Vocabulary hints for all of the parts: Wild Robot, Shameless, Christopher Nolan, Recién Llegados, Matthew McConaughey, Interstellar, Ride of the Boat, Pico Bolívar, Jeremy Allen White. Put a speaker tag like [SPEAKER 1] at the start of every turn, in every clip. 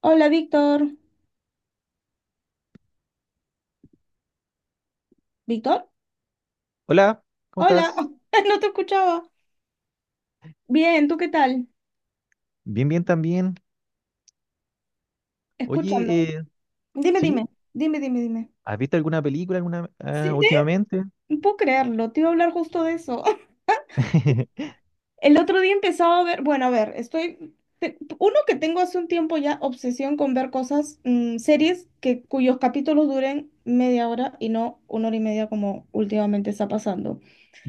[SPEAKER 1] Hola, Víctor. ¿Víctor?
[SPEAKER 2] Hola, ¿cómo
[SPEAKER 1] Hola,
[SPEAKER 2] estás?
[SPEAKER 1] no te escuchaba. Bien, ¿tú qué tal?
[SPEAKER 2] Bien, bien también.
[SPEAKER 1] Escúchame.
[SPEAKER 2] Oye,
[SPEAKER 1] Dime,
[SPEAKER 2] ¿sí?
[SPEAKER 1] dime, dime, dime, dime.
[SPEAKER 2] ¿Has visto alguna película alguna
[SPEAKER 1] Sí,
[SPEAKER 2] últimamente?
[SPEAKER 1] no puedo creerlo, te iba a hablar justo de eso. El otro día empezaba a ver, bueno, a ver. Uno que tengo hace un tiempo ya obsesión con ver cosas, series que, cuyos capítulos duren media hora y no una hora y media como últimamente está pasando.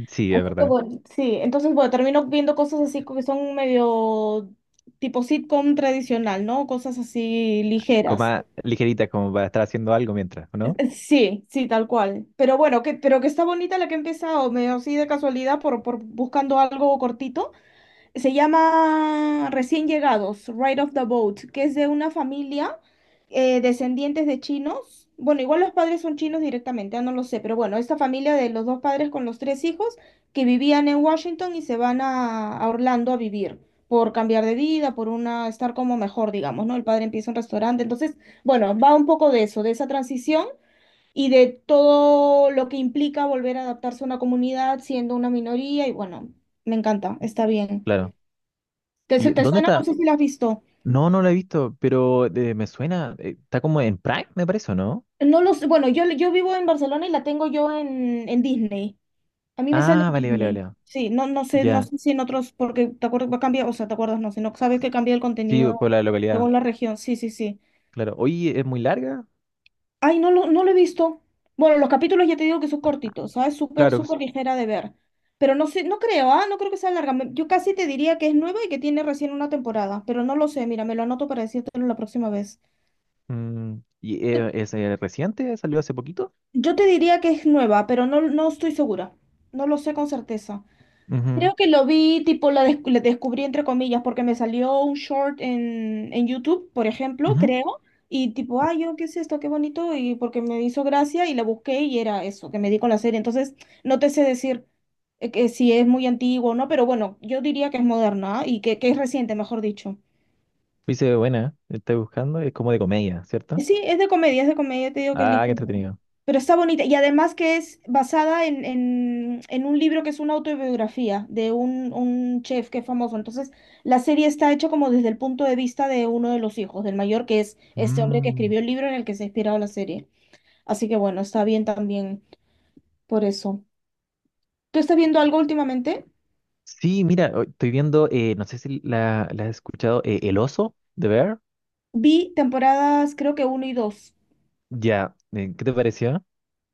[SPEAKER 2] Sí, es verdad.
[SPEAKER 1] Sí, entonces, bueno, termino viendo cosas así que son medio tipo sitcom tradicional, ¿no? Cosas así
[SPEAKER 2] Como
[SPEAKER 1] ligeras.
[SPEAKER 2] más ligerita, como para estar haciendo algo mientras, ¿o no?
[SPEAKER 1] Sí, sí, tal cual. Pero bueno, que, pero que está bonita la que he empezado, medio así de casualidad por buscando algo cortito. Se llama Recién Llegados, Ride of the Boat, que es de una familia, descendientes de chinos. Bueno, igual los padres son chinos directamente, ah, no lo sé, pero bueno, esta familia de los dos padres con los tres hijos que vivían en Washington y se van a Orlando a vivir por cambiar de vida, por una estar como mejor, digamos, ¿no? El padre empieza un restaurante, entonces, bueno, va un poco de eso, de esa transición y de todo lo que implica volver a adaptarse a una comunidad siendo una minoría y bueno, me encanta, está bien.
[SPEAKER 2] Claro.
[SPEAKER 1] ¿Te, su-
[SPEAKER 2] ¿Y
[SPEAKER 1] te
[SPEAKER 2] dónde
[SPEAKER 1] suena? No
[SPEAKER 2] está?
[SPEAKER 1] sé si la has visto.
[SPEAKER 2] No, no la he visto, pero me suena. Está como en Prime, me parece, ¿o no?
[SPEAKER 1] No los, bueno, yo vivo en Barcelona y la tengo yo en Disney. A mí me sale
[SPEAKER 2] Ah,
[SPEAKER 1] en
[SPEAKER 2] vale, vale,
[SPEAKER 1] Disney.
[SPEAKER 2] vale.
[SPEAKER 1] Sí, no, no sé, no
[SPEAKER 2] Ya.
[SPEAKER 1] sé si en otros, porque te acuerdas, va a cambiar, o sea, te acuerdas, no sé, no sabes que cambia el
[SPEAKER 2] Sí,
[SPEAKER 1] contenido
[SPEAKER 2] por la localidad.
[SPEAKER 1] según la región. Sí, sí, sí.
[SPEAKER 2] Claro. Oye, ¿es muy larga?
[SPEAKER 1] Ay, no lo he visto. Bueno, los capítulos ya te digo que son cortitos, ¿sabes? Súper,
[SPEAKER 2] Claro.
[SPEAKER 1] súper ligera de ver. Pero no sé, no creo, ¿ah? No creo que sea larga. Yo casi te diría que es nueva y que tiene recién una temporada, pero no lo sé. Mira, me lo anoto para decírtelo la próxima vez.
[SPEAKER 2] Mm, ¿Y es reciente? ¿Salió hace poquito?
[SPEAKER 1] Yo te diría que es nueva, pero no estoy segura. No lo sé con certeza.
[SPEAKER 2] Ujú,
[SPEAKER 1] Creo que lo vi, tipo, la descubrí entre comillas, porque me salió un short en, YouTube, por ejemplo,
[SPEAKER 2] ujú.
[SPEAKER 1] creo. Y tipo, ay, yo, ¿qué es esto? Qué bonito. Y porque me hizo gracia y la busqué y era eso, que me di con la serie. Entonces, no te sé decir, que si es muy antiguo o no, pero bueno, yo diría que es moderna y que es reciente, mejor dicho.
[SPEAKER 2] Uy, se ve buena, ¿eh? Estoy buscando, es como de comedia, ¿cierto?
[SPEAKER 1] Sí, es de comedia, te digo que es
[SPEAKER 2] Ah, qué
[SPEAKER 1] ligera.
[SPEAKER 2] entretenido.
[SPEAKER 1] Pero está bonita. Y además que es basada en un libro que es una autobiografía de un chef que es famoso. Entonces, la serie está hecha como desde el punto de vista de uno de los hijos, del mayor, que es este hombre que
[SPEAKER 2] Mm,
[SPEAKER 1] escribió el libro en el que se ha inspirado la serie. Así que bueno, está bien también por eso. ¿Tú estás viendo algo últimamente?
[SPEAKER 2] Sí, mira, hoy estoy viendo, no sé si la has escuchado, El oso de Bear.
[SPEAKER 1] Vi temporadas, creo que uno y dos.
[SPEAKER 2] Ya, ¿qué te pareció?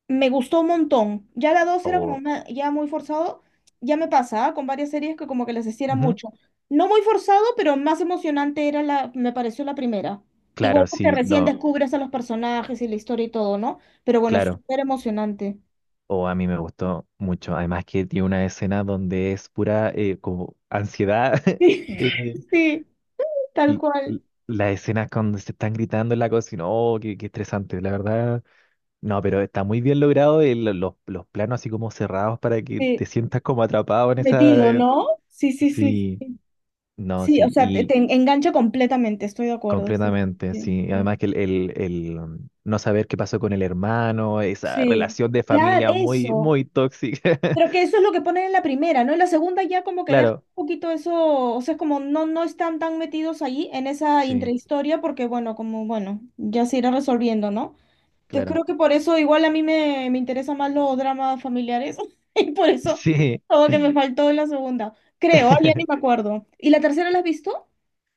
[SPEAKER 1] Me gustó un montón. Ya la dos era como
[SPEAKER 2] Oh,
[SPEAKER 1] ya muy forzado. Ya me pasaba con varias series que como que les hiciera
[SPEAKER 2] ujú.
[SPEAKER 1] mucho. No muy forzado, pero más emocionante era la, me pareció la primera. Igual
[SPEAKER 2] Claro,
[SPEAKER 1] porque
[SPEAKER 2] sí,
[SPEAKER 1] recién Ujú.
[SPEAKER 2] no,
[SPEAKER 1] Descubres a los personajes y la historia y todo, ¿no? Pero bueno,
[SPEAKER 2] claro.
[SPEAKER 1] súper emocionante.
[SPEAKER 2] O a mí me gustó mucho. Además que tiene una escena donde es pura como ansiedad.
[SPEAKER 1] Sí,
[SPEAKER 2] eh,
[SPEAKER 1] sí, tal
[SPEAKER 2] l- l-
[SPEAKER 1] cual.
[SPEAKER 2] las escenas cuando se están gritando en la cocina, oh, qué, qué estresante, la verdad. No, pero está muy bien logrado los planos así como cerrados para que
[SPEAKER 1] Sí,
[SPEAKER 2] te sientas como atrapado en esa.
[SPEAKER 1] metido, ¿no? Sí, sí, sí.
[SPEAKER 2] Sí, no,
[SPEAKER 1] Sí, o
[SPEAKER 2] sí,
[SPEAKER 1] sea, te,
[SPEAKER 2] y
[SPEAKER 1] te engancha completamente, estoy de acuerdo. Sí,
[SPEAKER 2] completamente,
[SPEAKER 1] sí,
[SPEAKER 2] sí.
[SPEAKER 1] sí.
[SPEAKER 2] Además que el no saber qué pasó con el hermano, esa
[SPEAKER 1] Sí,
[SPEAKER 2] relación de
[SPEAKER 1] claro,
[SPEAKER 2] familia muy,
[SPEAKER 1] eso.
[SPEAKER 2] muy tóxica.
[SPEAKER 1] Pero que eso es lo que ponen en la primera, ¿no? En la segunda ya como que deja
[SPEAKER 2] Claro,
[SPEAKER 1] un poquito eso, o sea, es como no están tan metidos ahí en esa
[SPEAKER 2] sí,
[SPEAKER 1] intrahistoria porque, bueno, como, bueno, ya se irá resolviendo, ¿no? Entonces
[SPEAKER 2] claro.
[SPEAKER 1] creo que por eso igual a mí me interesan más los dramas familiares y por eso
[SPEAKER 2] Sí.
[SPEAKER 1] todo que me faltó en la segunda. Creo, ah, ya ni me acuerdo. ¿Y la tercera la has visto?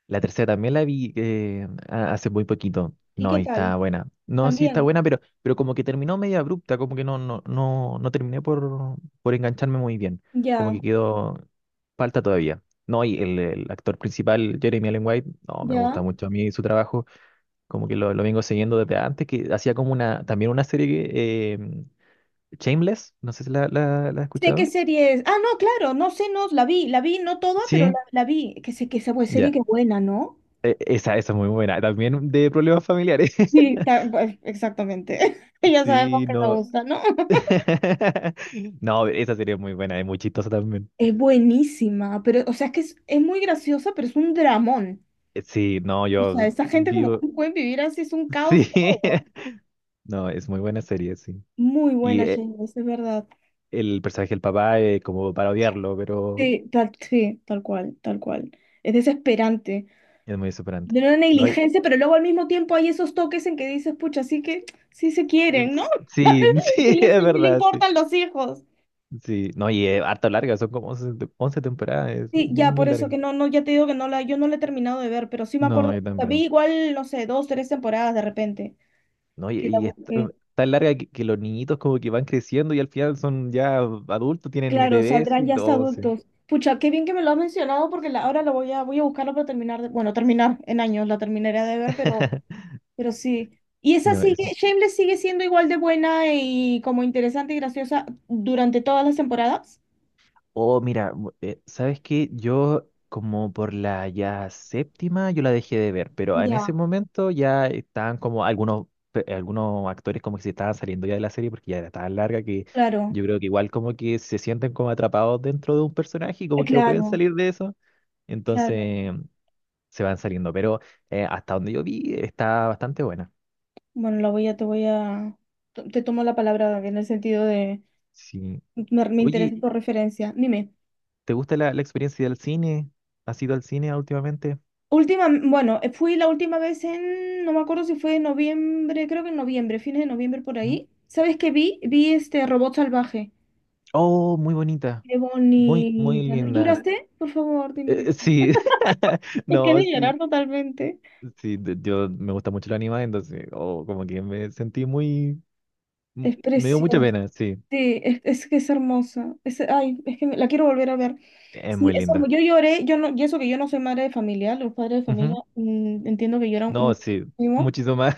[SPEAKER 2] La tercera también la vi hace muy poquito.
[SPEAKER 1] ¿Y
[SPEAKER 2] No,
[SPEAKER 1] qué
[SPEAKER 2] y está
[SPEAKER 1] tal?
[SPEAKER 2] buena. No, sí está
[SPEAKER 1] También.
[SPEAKER 2] buena, pero como que terminó media abrupta, como que no, no, no, no terminé por engancharme muy bien. Como
[SPEAKER 1] Ya,
[SPEAKER 2] que quedó, falta todavía. No, y el actor principal, Jeremy Allen White, no, me gusta
[SPEAKER 1] ya.
[SPEAKER 2] mucho a mí su trabajo. Como que lo vengo siguiendo desde antes, que hacía como una, también una serie que, Shameless, no sé si la has
[SPEAKER 1] Sé qué
[SPEAKER 2] escuchado.
[SPEAKER 1] serie es. Ah, no, claro, no sé, no, la vi, no toda, pero
[SPEAKER 2] Sí,
[SPEAKER 1] la vi. Que sé, que esa pues, serie
[SPEAKER 2] ya.
[SPEAKER 1] que buena, ¿no?
[SPEAKER 2] Esa es muy buena. También de problemas familiares.
[SPEAKER 1] Sí, pues, exactamente. Ya sabemos
[SPEAKER 2] Sí,
[SPEAKER 1] que nos
[SPEAKER 2] no.
[SPEAKER 1] gusta, ¿no?
[SPEAKER 2] No, esa sería muy buena, es muy chistosa también.
[SPEAKER 1] Es buenísima, pero, o sea, es que es muy graciosa, pero es un dramón.
[SPEAKER 2] Sí, no,
[SPEAKER 1] O sea,
[SPEAKER 2] yo
[SPEAKER 1] esa gente como,
[SPEAKER 2] vivo.
[SPEAKER 1] ¿cómo pueden vivir así? Es un caos
[SPEAKER 2] Sí,
[SPEAKER 1] todo.
[SPEAKER 2] no, es muy buena serie, sí.
[SPEAKER 1] Muy
[SPEAKER 2] Y
[SPEAKER 1] buena, Jane, es verdad.
[SPEAKER 2] el personaje del papá es como para odiarlo, pero
[SPEAKER 1] Sí, tal cual, tal cual. Es desesperante.
[SPEAKER 2] es muy superante.
[SPEAKER 1] De una
[SPEAKER 2] No, y.
[SPEAKER 1] negligencia, pero luego al mismo tiempo hay esos toques en que dices, pucha, así que sí se quieren, ¿no?
[SPEAKER 2] Sí,
[SPEAKER 1] Sí
[SPEAKER 2] sí,
[SPEAKER 1] les,
[SPEAKER 2] es
[SPEAKER 1] sí les
[SPEAKER 2] verdad, sí.
[SPEAKER 1] importan los hijos.
[SPEAKER 2] Sí, no, y es harto larga, son como 11 temporadas, es
[SPEAKER 1] Sí,
[SPEAKER 2] muy,
[SPEAKER 1] ya
[SPEAKER 2] muy
[SPEAKER 1] por eso
[SPEAKER 2] larga.
[SPEAKER 1] que no, ya te digo que no la, yo no la he terminado de ver, pero sí me
[SPEAKER 2] No,
[SPEAKER 1] acuerdo,
[SPEAKER 2] yo
[SPEAKER 1] la vi
[SPEAKER 2] tampoco.
[SPEAKER 1] igual, no sé, dos, tres temporadas de repente,
[SPEAKER 2] No, y,
[SPEAKER 1] que la
[SPEAKER 2] y es
[SPEAKER 1] busqué.
[SPEAKER 2] tan larga que los niñitos como que van creciendo y al final son ya adultos, tienen
[SPEAKER 1] Claro,
[SPEAKER 2] bebés y
[SPEAKER 1] saldrán ya hasta
[SPEAKER 2] todo, sí.
[SPEAKER 1] adultos. Pucha, qué bien que me lo has mencionado porque ahora lo voy a buscarlo para terminar, bueno, terminar en años, la terminaré de ver, pero, pero sí. Y esa
[SPEAKER 2] No,
[SPEAKER 1] sigue, Shameless sigue siendo igual de buena y como interesante y graciosa durante todas las temporadas.
[SPEAKER 2] Oh, mira, ¿sabes qué? Yo como por la ya séptima yo la dejé de ver, pero en ese
[SPEAKER 1] Ya,
[SPEAKER 2] momento ya estaban como algunos, algunos actores como que se estaban saliendo ya de la serie porque ya era tan larga que
[SPEAKER 1] claro,
[SPEAKER 2] yo creo que igual como que se sienten como atrapados dentro de un personaje y como que no pueden
[SPEAKER 1] claro,
[SPEAKER 2] salir de eso,
[SPEAKER 1] claro.
[SPEAKER 2] entonces se van saliendo, pero hasta donde yo vi está bastante buena.
[SPEAKER 1] Bueno, la voy a, te tomo la palabra en el sentido de.
[SPEAKER 2] Sí.
[SPEAKER 1] Me
[SPEAKER 2] Oye,
[SPEAKER 1] interesa tu referencia. Dime.
[SPEAKER 2] ¿te gusta la experiencia del cine? ¿Has ido al cine últimamente?
[SPEAKER 1] Última, bueno, fui la última vez no me acuerdo si fue en noviembre, creo que en noviembre, fines de noviembre por ahí. ¿Sabes qué vi? Vi este robot salvaje.
[SPEAKER 2] Oh, muy bonita.
[SPEAKER 1] Qué
[SPEAKER 2] Muy, muy
[SPEAKER 1] bonita, ¿no?
[SPEAKER 2] linda.
[SPEAKER 1] ¿Lloraste? Por favor, dime que sí.
[SPEAKER 2] Sí,
[SPEAKER 1] Es que he
[SPEAKER 2] no,
[SPEAKER 1] de
[SPEAKER 2] sí,
[SPEAKER 1] llorar totalmente.
[SPEAKER 2] sí, yo me gusta mucho el anime, entonces, oh, como que me sentí muy,
[SPEAKER 1] Es
[SPEAKER 2] me dio mucha
[SPEAKER 1] preciosa.
[SPEAKER 2] pena, sí,
[SPEAKER 1] Sí, es que es hermosa. Es, ay, es que la quiero volver a ver.
[SPEAKER 2] es
[SPEAKER 1] Sí,
[SPEAKER 2] muy
[SPEAKER 1] es
[SPEAKER 2] linda.
[SPEAKER 1] hermosa. Yo lloré, yo no, y eso que yo no soy madre de familia, los padres de familia
[SPEAKER 2] Ujú.
[SPEAKER 1] mm, entiendo que lloran
[SPEAKER 2] No, sí,
[SPEAKER 1] muchísimo.
[SPEAKER 2] muchísimo más.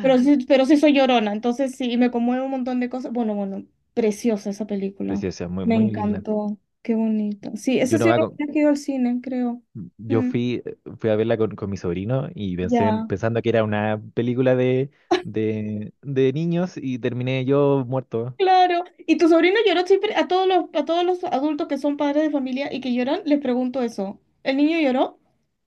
[SPEAKER 1] Pero sí soy llorona, entonces sí, y me conmueve un montón de cosas. Bueno, bueno, preciosa esa película.
[SPEAKER 2] Preciosa, muy,
[SPEAKER 1] Me
[SPEAKER 2] muy linda.
[SPEAKER 1] encantó, qué bonito. Sí,
[SPEAKER 2] Yo,
[SPEAKER 1] esa
[SPEAKER 2] no
[SPEAKER 1] sí es
[SPEAKER 2] va con-
[SPEAKER 1] la que he ido al cine, creo.
[SPEAKER 2] yo
[SPEAKER 1] Mm,
[SPEAKER 2] fui, fui a verla con mi sobrino y pensé,
[SPEAKER 1] ya,
[SPEAKER 2] pensando que era una película de, de niños y terminé yo muerto.
[SPEAKER 1] claro. ¿Y tu sobrino lloró siempre? A todos los adultos que son padres de familia y que lloran, les pregunto eso. ¿El niño lloró?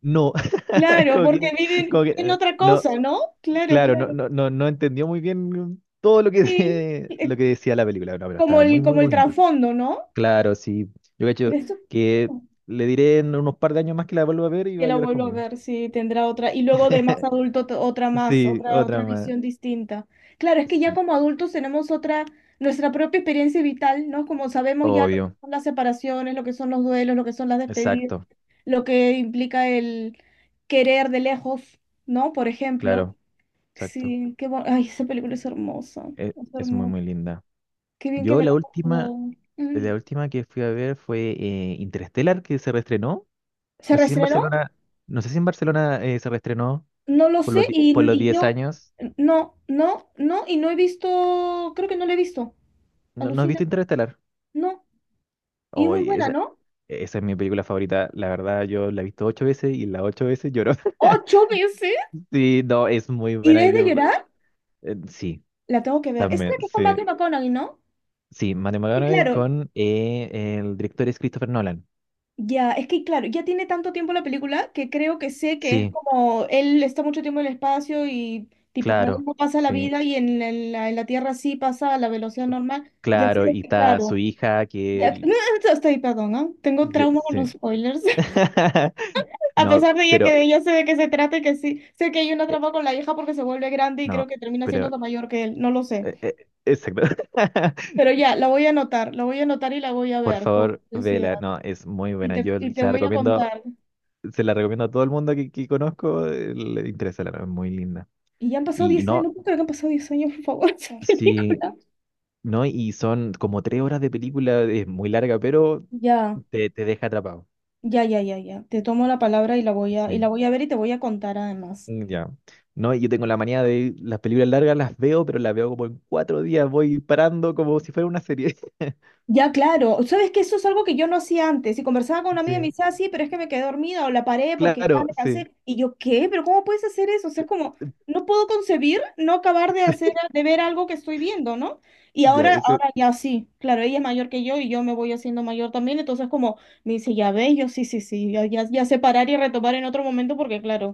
[SPEAKER 2] No,
[SPEAKER 1] Claro,
[SPEAKER 2] como
[SPEAKER 1] porque
[SPEAKER 2] que,
[SPEAKER 1] viven
[SPEAKER 2] como que,
[SPEAKER 1] en
[SPEAKER 2] eh,
[SPEAKER 1] otra
[SPEAKER 2] no.
[SPEAKER 1] cosa, ¿no? Claro,
[SPEAKER 2] Claro, no,
[SPEAKER 1] claro.
[SPEAKER 2] no, no, no entendió muy bien todo lo que,
[SPEAKER 1] Sí, eh,
[SPEAKER 2] lo que decía la película, no, pero
[SPEAKER 1] como
[SPEAKER 2] estaba muy,
[SPEAKER 1] el,
[SPEAKER 2] muy
[SPEAKER 1] como el
[SPEAKER 2] bonito.
[SPEAKER 1] trasfondo, ¿no?
[SPEAKER 2] Claro, sí. Yo cacho
[SPEAKER 1] ¿Crees tú
[SPEAKER 2] que le diré en unos par de años más que la vuelva a ver y
[SPEAKER 1] que
[SPEAKER 2] va a
[SPEAKER 1] la
[SPEAKER 2] llorar
[SPEAKER 1] vuelvo a
[SPEAKER 2] conmigo.
[SPEAKER 1] ver, si tendrá otra? Y luego de más adulto, otra más,
[SPEAKER 2] Sí,
[SPEAKER 1] otra,
[SPEAKER 2] otra
[SPEAKER 1] otra
[SPEAKER 2] más.
[SPEAKER 1] visión distinta. Claro, es que ya
[SPEAKER 2] Sí,
[SPEAKER 1] como adultos tenemos otra, nuestra propia experiencia vital, ¿no? Como sabemos ya lo que
[SPEAKER 2] obvio.
[SPEAKER 1] son las separaciones, lo que son los duelos, lo que son las despedidas,
[SPEAKER 2] Exacto,
[SPEAKER 1] lo que implica el querer de lejos, ¿no? Por ejemplo.
[SPEAKER 2] claro, exacto.
[SPEAKER 1] Sí, ay, esa película es hermosa.
[SPEAKER 2] Es,
[SPEAKER 1] Es
[SPEAKER 2] es muy,
[SPEAKER 1] hermosa.
[SPEAKER 2] muy linda.
[SPEAKER 1] Qué bien que
[SPEAKER 2] Yo
[SPEAKER 1] me la
[SPEAKER 2] la
[SPEAKER 1] has recomendado.
[SPEAKER 2] última,
[SPEAKER 1] Mm.
[SPEAKER 2] la última que fui a ver fue Interstellar, que se reestrenó.
[SPEAKER 1] ¿Se
[SPEAKER 2] No sé si en
[SPEAKER 1] reestrenó?
[SPEAKER 2] Barcelona, no sé si en Barcelona se reestrenó
[SPEAKER 1] No lo
[SPEAKER 2] por
[SPEAKER 1] sé
[SPEAKER 2] los, di-
[SPEAKER 1] y,
[SPEAKER 2] por los
[SPEAKER 1] y
[SPEAKER 2] 10
[SPEAKER 1] yo
[SPEAKER 2] años.
[SPEAKER 1] no, y no he visto, creo que no la he visto.
[SPEAKER 2] ¿No, no has
[SPEAKER 1] Alucina,
[SPEAKER 2] visto Interstellar?
[SPEAKER 1] no. Y es muy
[SPEAKER 2] Hoy,
[SPEAKER 1] buena,
[SPEAKER 2] esa,
[SPEAKER 1] ¿no?
[SPEAKER 2] esa es mi película favorita. La verdad, yo la he visto 8 veces y las 8 veces lloro.
[SPEAKER 1] Ocho veces.
[SPEAKER 2] Sí, no, es muy
[SPEAKER 1] Y
[SPEAKER 2] buena.
[SPEAKER 1] desde
[SPEAKER 2] Yo,
[SPEAKER 1] llorar,
[SPEAKER 2] sí,
[SPEAKER 1] la tengo que ver. Esa es la
[SPEAKER 2] también,
[SPEAKER 1] que es con
[SPEAKER 2] sí.
[SPEAKER 1] Matthew McConaughey, ¿no?
[SPEAKER 2] Sí, Matthew
[SPEAKER 1] Sí,
[SPEAKER 2] McConaughey
[SPEAKER 1] claro.
[SPEAKER 2] con el director es Christopher Nolan.
[SPEAKER 1] Ya, es que claro, ya tiene tanto tiempo la película que creo que sé que es
[SPEAKER 2] Sí,
[SPEAKER 1] como él está mucho tiempo en el espacio y tipo, para él
[SPEAKER 2] claro,
[SPEAKER 1] no pasa la
[SPEAKER 2] sí,
[SPEAKER 1] vida y en la Tierra sí pasa a la velocidad normal. Ya
[SPEAKER 2] claro.
[SPEAKER 1] sé
[SPEAKER 2] Y
[SPEAKER 1] que
[SPEAKER 2] está su
[SPEAKER 1] claro.
[SPEAKER 2] hija que...
[SPEAKER 1] Ya,
[SPEAKER 2] el-
[SPEAKER 1] estoy, perdón, ¿ah? Tengo trauma con los
[SPEAKER 2] Sí.
[SPEAKER 1] spoilers. A
[SPEAKER 2] No,
[SPEAKER 1] pesar de ella que de
[SPEAKER 2] pero...
[SPEAKER 1] ella sé de qué se trata y que sí, sé que hay una
[SPEAKER 2] eh,
[SPEAKER 1] trampa con la hija porque se vuelve grande y creo
[SPEAKER 2] no,
[SPEAKER 1] que termina siendo
[SPEAKER 2] pero...
[SPEAKER 1] la mayor que él, no lo sé.
[SPEAKER 2] eh, eh, exacto.
[SPEAKER 1] Pero ya, la voy a anotar, la voy a anotar y la voy a
[SPEAKER 2] Por
[SPEAKER 1] ver con
[SPEAKER 2] favor, vela.
[SPEAKER 1] curiosidad.
[SPEAKER 2] No, es muy
[SPEAKER 1] Y
[SPEAKER 2] buena.
[SPEAKER 1] te,
[SPEAKER 2] Yo
[SPEAKER 1] y te
[SPEAKER 2] se la
[SPEAKER 1] voy a
[SPEAKER 2] recomiendo
[SPEAKER 1] contar.
[SPEAKER 2] se la recomiendo a todo el mundo que conozco, le interesa la novela, es muy linda.
[SPEAKER 1] Y ya han pasado
[SPEAKER 2] Y
[SPEAKER 1] 10 años,
[SPEAKER 2] no,
[SPEAKER 1] no puedo creer que han pasado 10 años, por favor, esa
[SPEAKER 2] sí,
[SPEAKER 1] película.
[SPEAKER 2] no, y son como 3 horas de película, es muy larga, pero
[SPEAKER 1] Ya,
[SPEAKER 2] te deja atrapado.
[SPEAKER 1] ya, ya, ya, ya. Te tomo la palabra y la
[SPEAKER 2] Sí,
[SPEAKER 1] voy a ver y te voy a contar además.
[SPEAKER 2] mm, ya. No, y yo tengo la manía de las películas largas las veo, pero las veo como en 4 días, voy parando como si fuera una serie.
[SPEAKER 1] Ya, claro. ¿Sabes que eso es algo que yo no hacía antes? Y conversaba con una amiga y me
[SPEAKER 2] Sí,
[SPEAKER 1] decía, "Ah, sí, pero es que me quedé dormida o la paré porque ya
[SPEAKER 2] claro,
[SPEAKER 1] me
[SPEAKER 2] sí.
[SPEAKER 1] cansé". Y yo, ¿qué? ¿Pero cómo puedes hacer eso? O sea, es como, no puedo concebir no acabar de hacer,
[SPEAKER 2] Sí,
[SPEAKER 1] de ver algo que estoy viendo, ¿no? Y
[SPEAKER 2] ya,
[SPEAKER 1] ahora,
[SPEAKER 2] eso.
[SPEAKER 1] ahora ya sí. Claro, ella es mayor que yo y yo me voy haciendo mayor también. Entonces, como, me dice, ya ves, yo sí, sí, sí. Ya, ya, ya sé parar y retomar en otro momento porque, claro,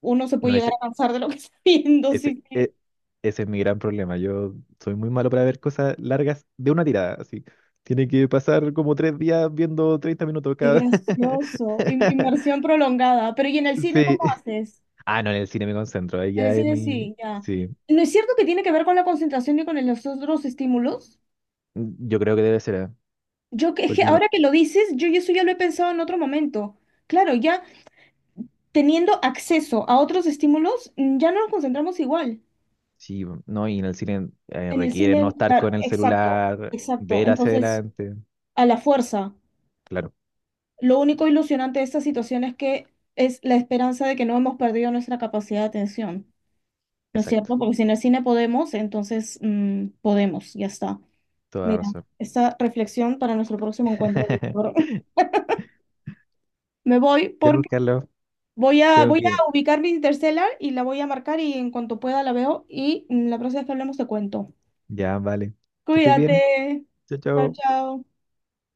[SPEAKER 1] uno se puede
[SPEAKER 2] No.
[SPEAKER 1] llegar
[SPEAKER 2] es
[SPEAKER 1] a cansar de lo que está viendo.
[SPEAKER 2] Ese,
[SPEAKER 1] Sí, sí.
[SPEAKER 2] e- ese es mi gran problema. Yo soy muy malo para ver cosas largas de una tirada, así. Tiene que pasar como 3 días viendo 30 minutos
[SPEAKER 1] Qué
[SPEAKER 2] cada.
[SPEAKER 1] gracioso. Inmersión prolongada. Pero, ¿y en el cine cómo
[SPEAKER 2] Sí.
[SPEAKER 1] haces?
[SPEAKER 2] Ah, no, en el cine me concentro. Ahí
[SPEAKER 1] En el
[SPEAKER 2] ya es
[SPEAKER 1] cine
[SPEAKER 2] mi.
[SPEAKER 1] sí, ya.
[SPEAKER 2] Sí.
[SPEAKER 1] ¿No es cierto que tiene que ver con la concentración y con los otros estímulos?
[SPEAKER 2] Yo creo que debe ser, ¿eh?
[SPEAKER 1] Yo que, es que
[SPEAKER 2] Porque uno.
[SPEAKER 1] ahora que lo dices, yo eso ya lo he pensado en otro momento. Claro, ya teniendo acceso a otros estímulos, ya no nos concentramos igual.
[SPEAKER 2] Sí, no, y en el cine
[SPEAKER 1] En el
[SPEAKER 2] requiere no
[SPEAKER 1] cine,
[SPEAKER 2] estar
[SPEAKER 1] claro,
[SPEAKER 2] con el
[SPEAKER 1] exacto,
[SPEAKER 2] celular,
[SPEAKER 1] exacto.
[SPEAKER 2] ver hacia
[SPEAKER 1] Entonces,
[SPEAKER 2] adelante.
[SPEAKER 1] a la fuerza.
[SPEAKER 2] Claro,
[SPEAKER 1] Lo único ilusionante de esta situación es que es la esperanza de que no hemos perdido nuestra capacidad de atención. ¿No es
[SPEAKER 2] exacto.
[SPEAKER 1] cierto? Porque si en el cine podemos, entonces, podemos, ya está.
[SPEAKER 2] Toda
[SPEAKER 1] Mira,
[SPEAKER 2] razón.
[SPEAKER 1] esta reflexión para nuestro próximo encuentro, Víctor. Me voy
[SPEAKER 2] Ya, pues,
[SPEAKER 1] porque
[SPEAKER 2] Carlos,
[SPEAKER 1] voy a,
[SPEAKER 2] tengo
[SPEAKER 1] voy
[SPEAKER 2] que.
[SPEAKER 1] a ubicar mi Interstellar y la voy a marcar y en cuanto pueda la veo y, la próxima vez que hablemos te cuento.
[SPEAKER 2] Ya, vale. Que estés bien.
[SPEAKER 1] Cuídate.
[SPEAKER 2] Chao,
[SPEAKER 1] Chao,
[SPEAKER 2] chao.
[SPEAKER 1] chao.